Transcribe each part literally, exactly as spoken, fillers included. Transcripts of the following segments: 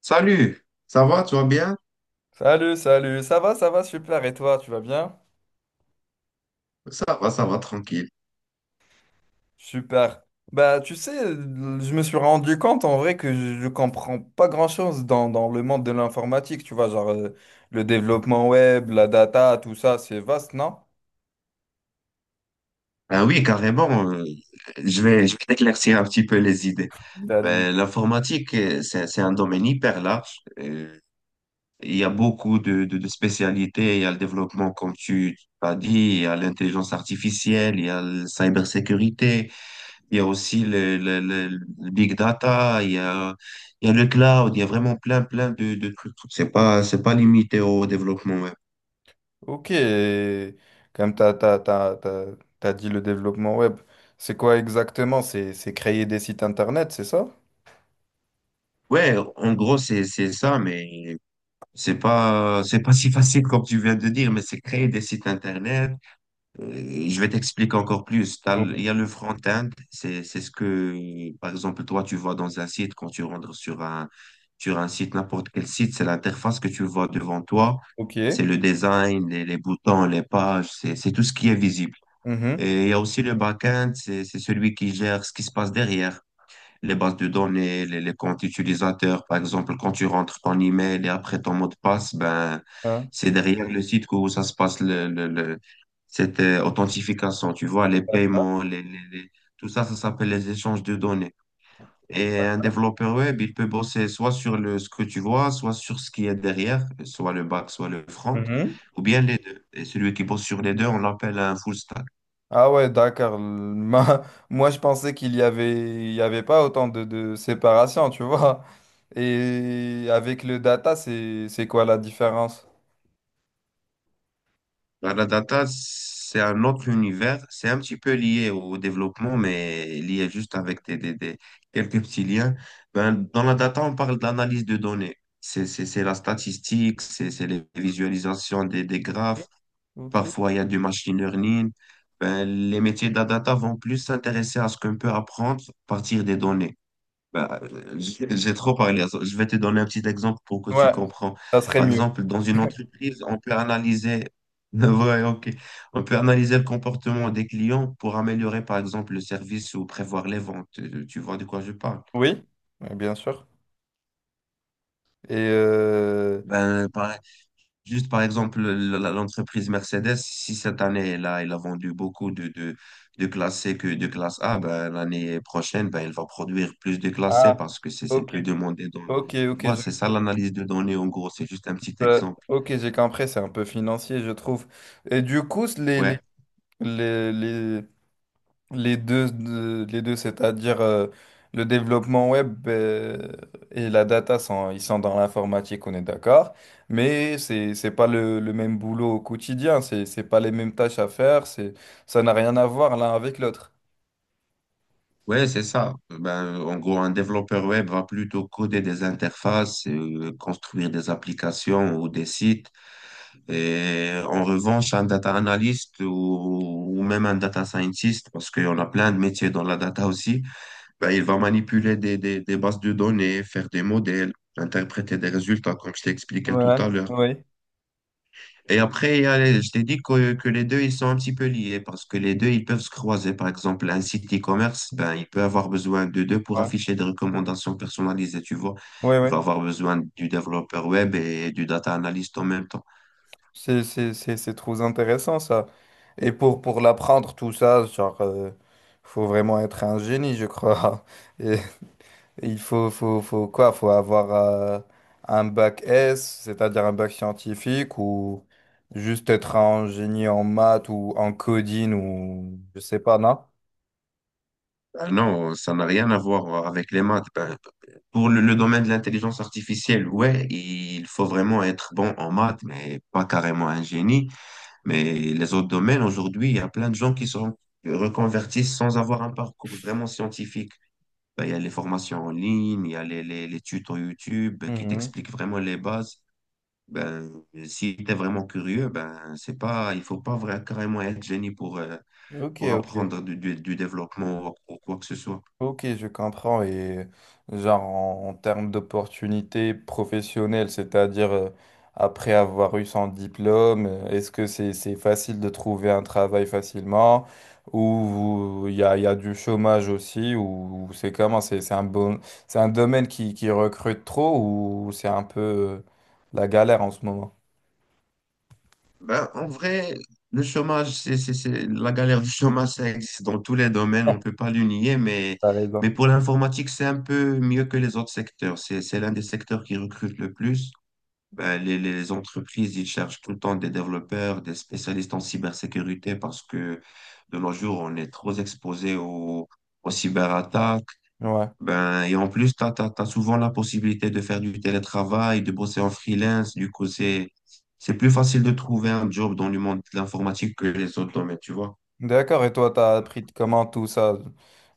Salut, ça va, tu vas bien? Salut, salut, ça va, ça va, super, et toi, tu vas bien? Ça va, ça va, tranquille. Super. Bah, tu sais, je me suis rendu compte en vrai que je je comprends pas grand-chose dans, dans le monde de l'informatique, tu vois, genre euh, le développement web, la data, tout ça, c'est vaste, non? Ah oui, carrément, euh, je vais, je vais t'éclaircir un petit peu les idées. T'as dit- Ben, l'informatique, euh, c'est, c'est un domaine hyper large. Euh, il y a beaucoup de, de, de spécialités. Il y a le développement, comme tu as dit, il y a l'intelligence artificielle, il y a la cybersécurité, il y a aussi le, le, le, le big data, il y a, il y a le cloud, il y a vraiment plein, plein de, de trucs. C'est pas, c'est pas limité au développement web. Ok, comme t'as, t'as, t'as, t'as, t'as dit le développement web, c'est quoi exactement? C'est, c'est créer des sites internet, c'est ça? Ouais, en gros, c'est, c'est ça, mais c'est pas, c'est pas si facile comme tu viens de dire, mais c'est créer des sites internet. Euh, je vais t'expliquer encore plus. T'as le- Oui. Il y a le front-end, c'est, c'est ce que, par exemple, toi, tu vois dans un site, quand tu rentres sur un, sur un site, n'importe quel site, c'est l'interface que tu vois devant toi. Ok. C'est le design, les, les boutons, les pages, c'est, c'est tout ce qui est visible. Mhm. Et il y a aussi le back-end, c'est, c'est celui qui gère ce qui se passe derrière les bases de données, les, les comptes utilisateurs. Par exemple, quand tu rentres ton email et après ton mot de passe, ben, Ah. c'est derrière le site que ça se passe le, le- le- cette euh, authentification. Tu vois, les paiements, les, les- les- tout ça, ça s'appelle les échanges de données. Et un développeur web, il peut bosser soit sur le, ce que tu vois, soit sur ce qui est derrière, soit le back, soit le front, Mhm. ou bien les deux. Et celui qui bosse sur les deux, on l'appelle un full stack. Ah ouais, d'accord. Le- ma- Moi, je pensais qu'il y avait, il y avait pas autant de, de séparation, tu vois. Et avec le data, c'est, c'est quoi la différence? Bah, la data, c'est un autre univers. C'est un petit peu lié au développement, mais lié juste avec des, des- des- quelques petits liens. Ben, dans la data, on parle d'analyse de données. C'est c'est- c'est la statistique, c'est c'est les visualisations des, des graphes. Ok, ok. Parfois, il y a du machine learning. Ben, les métiers de la data vont plus s'intéresser à ce qu'on peut apprendre à partir des données. Bah, euh, j'ai j'ai trop parlé. Je vais te donner un petit exemple pour que tu Ouais, comprends. ça serait Par mieux. exemple, dans une entreprise, on peut analyser, ouais, ok. On peut analyser le comportement des clients pour améliorer, par exemple, le service ou prévoir les ventes. Euh, Tu vois de quoi je parle? Oui, ouais, bien sûr. Et euh, Ben, par juste par exemple, le- la- l'entreprise Mercedes, si cette année, là elle a vendu beaucoup de, de, de classe C que de classe A, ben, l'année prochaine, ben, elle va produire plus de classe C ah, parce que c'est c'est ok. plus demandé. dans- Ok, tu ok, vois, c'est je- ça l'analyse de données en gros, c'est juste un petit euh, exemple. ok, j'ai compris, c'est un peu financier, je trouve. Et du coup, les, les, Ouais, les, les- les deux, de- les deux, c'est-à-dire euh, le développement web euh, et la data, sont, ils sont dans l'informatique, on est d'accord, mais c'est, c'est pas le, le même boulot au quotidien, c'est, c'est pas les mêmes tâches à faire, c'est, ça n'a rien à voir l'un avec l'autre. ouais, c'est ça. Ben, en gros, un développeur web va plutôt coder des interfaces, euh, construire des applications ou des sites. Et en revanche, un data analyst ou, ou même un data scientist, parce qu'on a plein de métiers dans la data aussi, ben, il va manipuler des, des, des bases de données, faire des modèles, interpréter des résultats, comme je t'ai expliqué tout Ouais, à l'heure. oui, Et après, il y a les- je t'ai dit que, que les deux, ils sont un petit peu liés, parce que les deux, ils peuvent se croiser. Par exemple, un site e-commerce, ben, il peut avoir besoin de deux pour ouais. afficher des recommandations personnalisées, tu vois. Oui, Il oui. va avoir besoin du développeur web et du data analyst en même temps. C'est, c'est, c'est, c'est trop intéressant ça. Et pour, pour l'apprendre tout ça, genre, euh, faut vraiment être un génie, je crois. Et il faut, faut, faut quoi? Faut avoir euh, un bac S, c'est-à-dire un bac scientifique, ou juste être un génie en maths ou en coding, ou je sais pas, non? Ah non, ça n'a rien à voir avec les maths. Ben, pour le, le domaine de l'intelligence artificielle, ouais, il faut vraiment être bon en maths, mais pas carrément un génie. Mais les autres domaines, aujourd'hui, il y a plein de gens qui sont qui reconvertissent sans avoir un parcours vraiment scientifique. Ben, il y a les formations en ligne, il y a les, les, les tutos YouTube qui Mhm. t'expliquent vraiment les bases. Ben, si tu es vraiment curieux, ben, c'est pas, il faut pas vraiment, carrément être génie pour, euh, Ok, pour ok. apprendre du, du, du développement ou ou quoi que ce soit. Ok, je comprends. Et genre en, en termes d'opportunités professionnelles, c'est-à-dire euh, après avoir eu son diplôme, euh, est-ce que c'est c'est facile de trouver un travail facilement ou il y a, y a du chômage aussi ou, ou c'est comment? C'est c'est un bon, c'est un domaine qui, qui recrute trop ou c'est un peu euh, la galère en ce moment? Ben, en vrai, le chômage, c'est, c'est, c'est- la galère du chômage, ça existe dans tous les domaines, on ne peut pas le nier, mais, T'as raison. mais pour l'informatique, c'est un peu mieux que les autres secteurs. C'est, c'est l'un des secteurs qui recrute le plus. Ben, les, les entreprises, ils cherchent tout le temps des développeurs, des spécialistes en cybersécurité parce que de nos jours, on est trop exposé aux, aux cyberattaques, Ouais. ben, et en plus, tu as, souvent la possibilité de faire du télétravail, de bosser en freelance. Du coup, c'est, c'est plus facile de trouver un job dans le monde de l'informatique que les autres domaines, tu vois. D'accord, et toi, t'as appris de comment tout ça?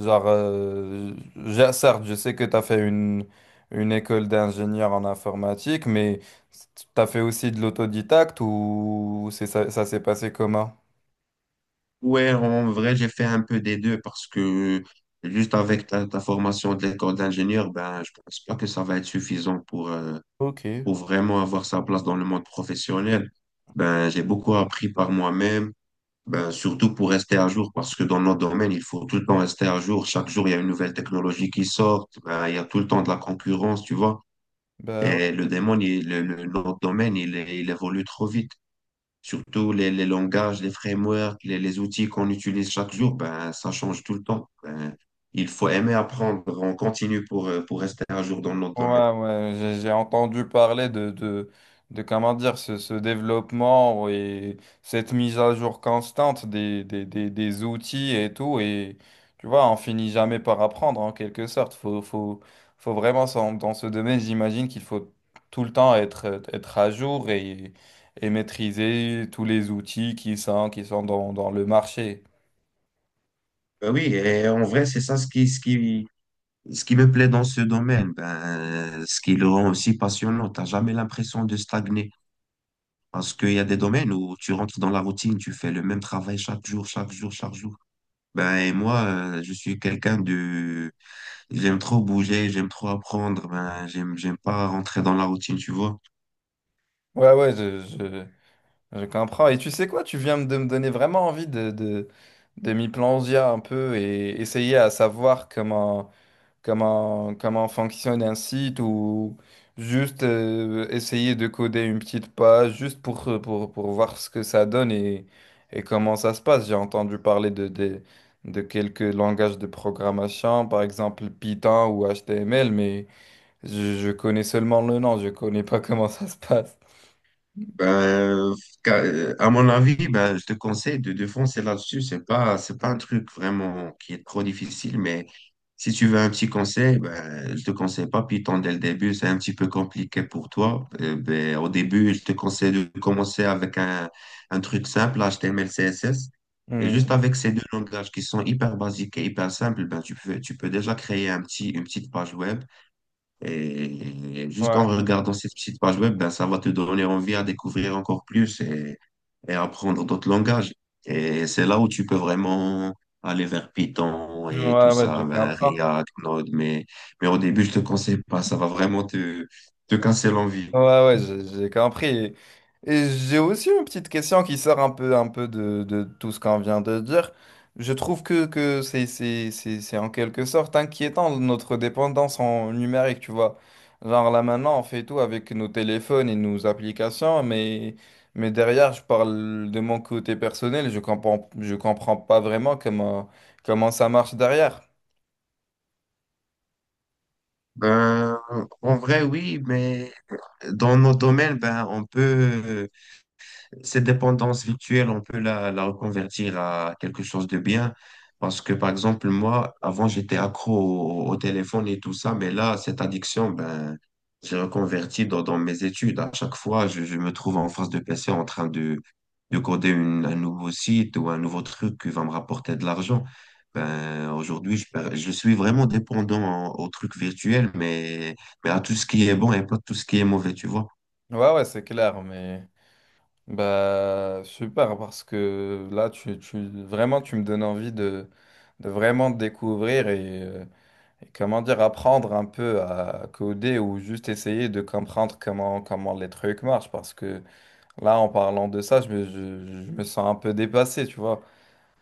Genre, euh, je- certes, je sais que t'as fait une, une école d'ingénieur en informatique, mais t'as fait aussi de l'autodidacte ou c'est ça, ça s'est passé comment? Ouais, en vrai, j'ai fait un peu des deux parce que juste avec ta, ta formation de l'école d'ingénieur, ben, je pense pas que ça va être suffisant pour, euh, Ok, pour vraiment avoir sa place dans le monde professionnel. Ben, j'ai beaucoup appris par moi-même. Ben, surtout pour rester à jour, parce que dans notre domaine il faut tout le temps rester à jour. Chaque jour, il y a une nouvelle technologie qui sort. Ben, il y a tout le temps de la concurrence, tu vois. bah Et ouais. le démon, il- le, le- notre domaine, il, il évolue trop vite. Surtout les, les langages, les frameworks, les, les outils qu'on utilise chaque jour, ben, ça change tout le temps. Ben, il faut aimer apprendre. On continue pour, euh, pour rester à jour dans notre Ouais, domaine. ouais, j'ai j'ai entendu parler de, de, de comment dire, ce, ce développement et cette mise à jour constante des, des, des, des outils et tout. Et tu vois, on finit jamais par apprendre en quelque sorte. Faut, faut, faut vraiment, s'en- dans ce domaine, j'imagine qu'il faut tout le temps être, être à jour et, et maîtriser tous les outils qui sont, qui sont dans, dans le marché. Ben oui, et en vrai, c'est ça ce qui, ce qui, Ce qui me plaît dans ce domaine, ben, ce qui le rend aussi passionnant, t'as jamais l'impression de stagner. Parce qu'il y a des domaines où tu rentres dans la routine, tu fais le même travail chaque jour, chaque jour, chaque jour. Ben, et moi, euh, je suis quelqu'un de... j'aime trop bouger, j'aime trop apprendre, ben, j'aime, j'aime pas rentrer dans la routine, tu vois. Ouais, ouais, je comprends. Et tu sais quoi, tu viens de me donner vraiment envie de, de, de m'y plonger un peu et essayer à savoir comment, comment, comment fonctionne un site ou juste euh, essayer de coder une petite page juste pour, pour, pour voir ce que ça donne et, et comment ça se passe. J'ai entendu parler de, de, de quelques langages de programmation, par exemple Python ou H T M L, mais je, je connais seulement le nom, je connais pas comment ça se passe. Ben, ca- à mon avis, ben, je te conseille de défoncer là-dessus. C'est pas, c'est pas un truc vraiment qui est trop difficile, mais si tu veux un petit conseil, ben, je te conseille pas Python dès le début. C'est un petit peu compliqué pour toi. Euh, ben, au début, je te conseille de commencer avec un, un truc simple, H T M L, C S S. Et juste Mhm. avec ces deux langages qui sont hyper basiques et hyper simples, ben, tu peux, tu peux déjà créer un petit, une petite page web. Et juste en Ouais. regardant cette petite page web, ben, ça va te donner envie à découvrir encore plus et, et apprendre d'autres langages. Et c'est là où tu peux vraiment aller vers Python et tout Ouais, ouais, ça, j'ai ben, compris. React, Node. Mais, mais au début, je te conseille pas, ça va vraiment te, te casser l'envie. Ouais, ouais, j'ai j'ai compris. Et, et j'ai aussi une petite question qui sort un peu, un peu de, de tout ce qu'on vient de dire. Je trouve que, que c'est, c'est, c'est, c'est en quelque sorte inquiétant notre dépendance en numérique, tu vois. Genre là maintenant, on fait tout avec nos téléphones et nos applications, mais, mais derrière, je parle de mon côté personnel, je comprends, je comprends pas vraiment comment, comment ça marche derrière. Ben, en vrai, oui, mais dans nos domaines, ben, on peut cette dépendance virtuelle, on peut la, la reconvertir à quelque chose de bien. Parce que, par exemple, moi, avant, j'étais accro au, au téléphone et tout ça, mais là, cette addiction, ben, j'ai reconverti dans, dans mes études. À chaque fois, je, je me trouve en face de P C en train de, de coder une- un nouveau site ou un nouveau truc qui va me rapporter de l'argent. Ben, aujourd'hui, je, per- je suis vraiment dépendant au truc virtuel, mais, mais à tout ce qui est bon et pas tout ce qui est mauvais, tu vois. Ouais, ouais, c'est clair, mais... Bah, super, parce que là, tu, tu, vraiment, tu me donnes envie de, de vraiment te découvrir et, euh, et, comment dire, apprendre un peu à coder ou juste essayer de comprendre comment, comment les trucs marchent. Parce que là, en parlant de ça, je me, je, je me sens un peu dépassé, tu vois.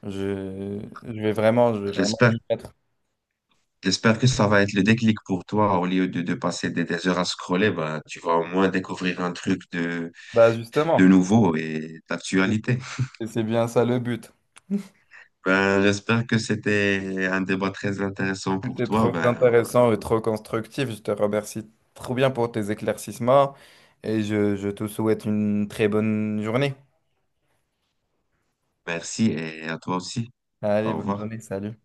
Je, je vais vraiment, je vais vraiment J'espère m'y mettre. j'espère que ça va être le déclic pour toi. Au lieu de, de passer des, des heures à scroller, ben, tu vas au moins découvrir un truc de, Bah, de justement, nouveau et d'actualité. c'est c'est bien ça le but. Ben, j'espère que c'était un débat très intéressant pour C'était toi. trop Ben, intéressant et trop constructif. Je te remercie trop bien pour tes éclaircissements et je, je te souhaite une très bonne journée. merci et à toi aussi. Allez, Au bonne revoir. journée, salut.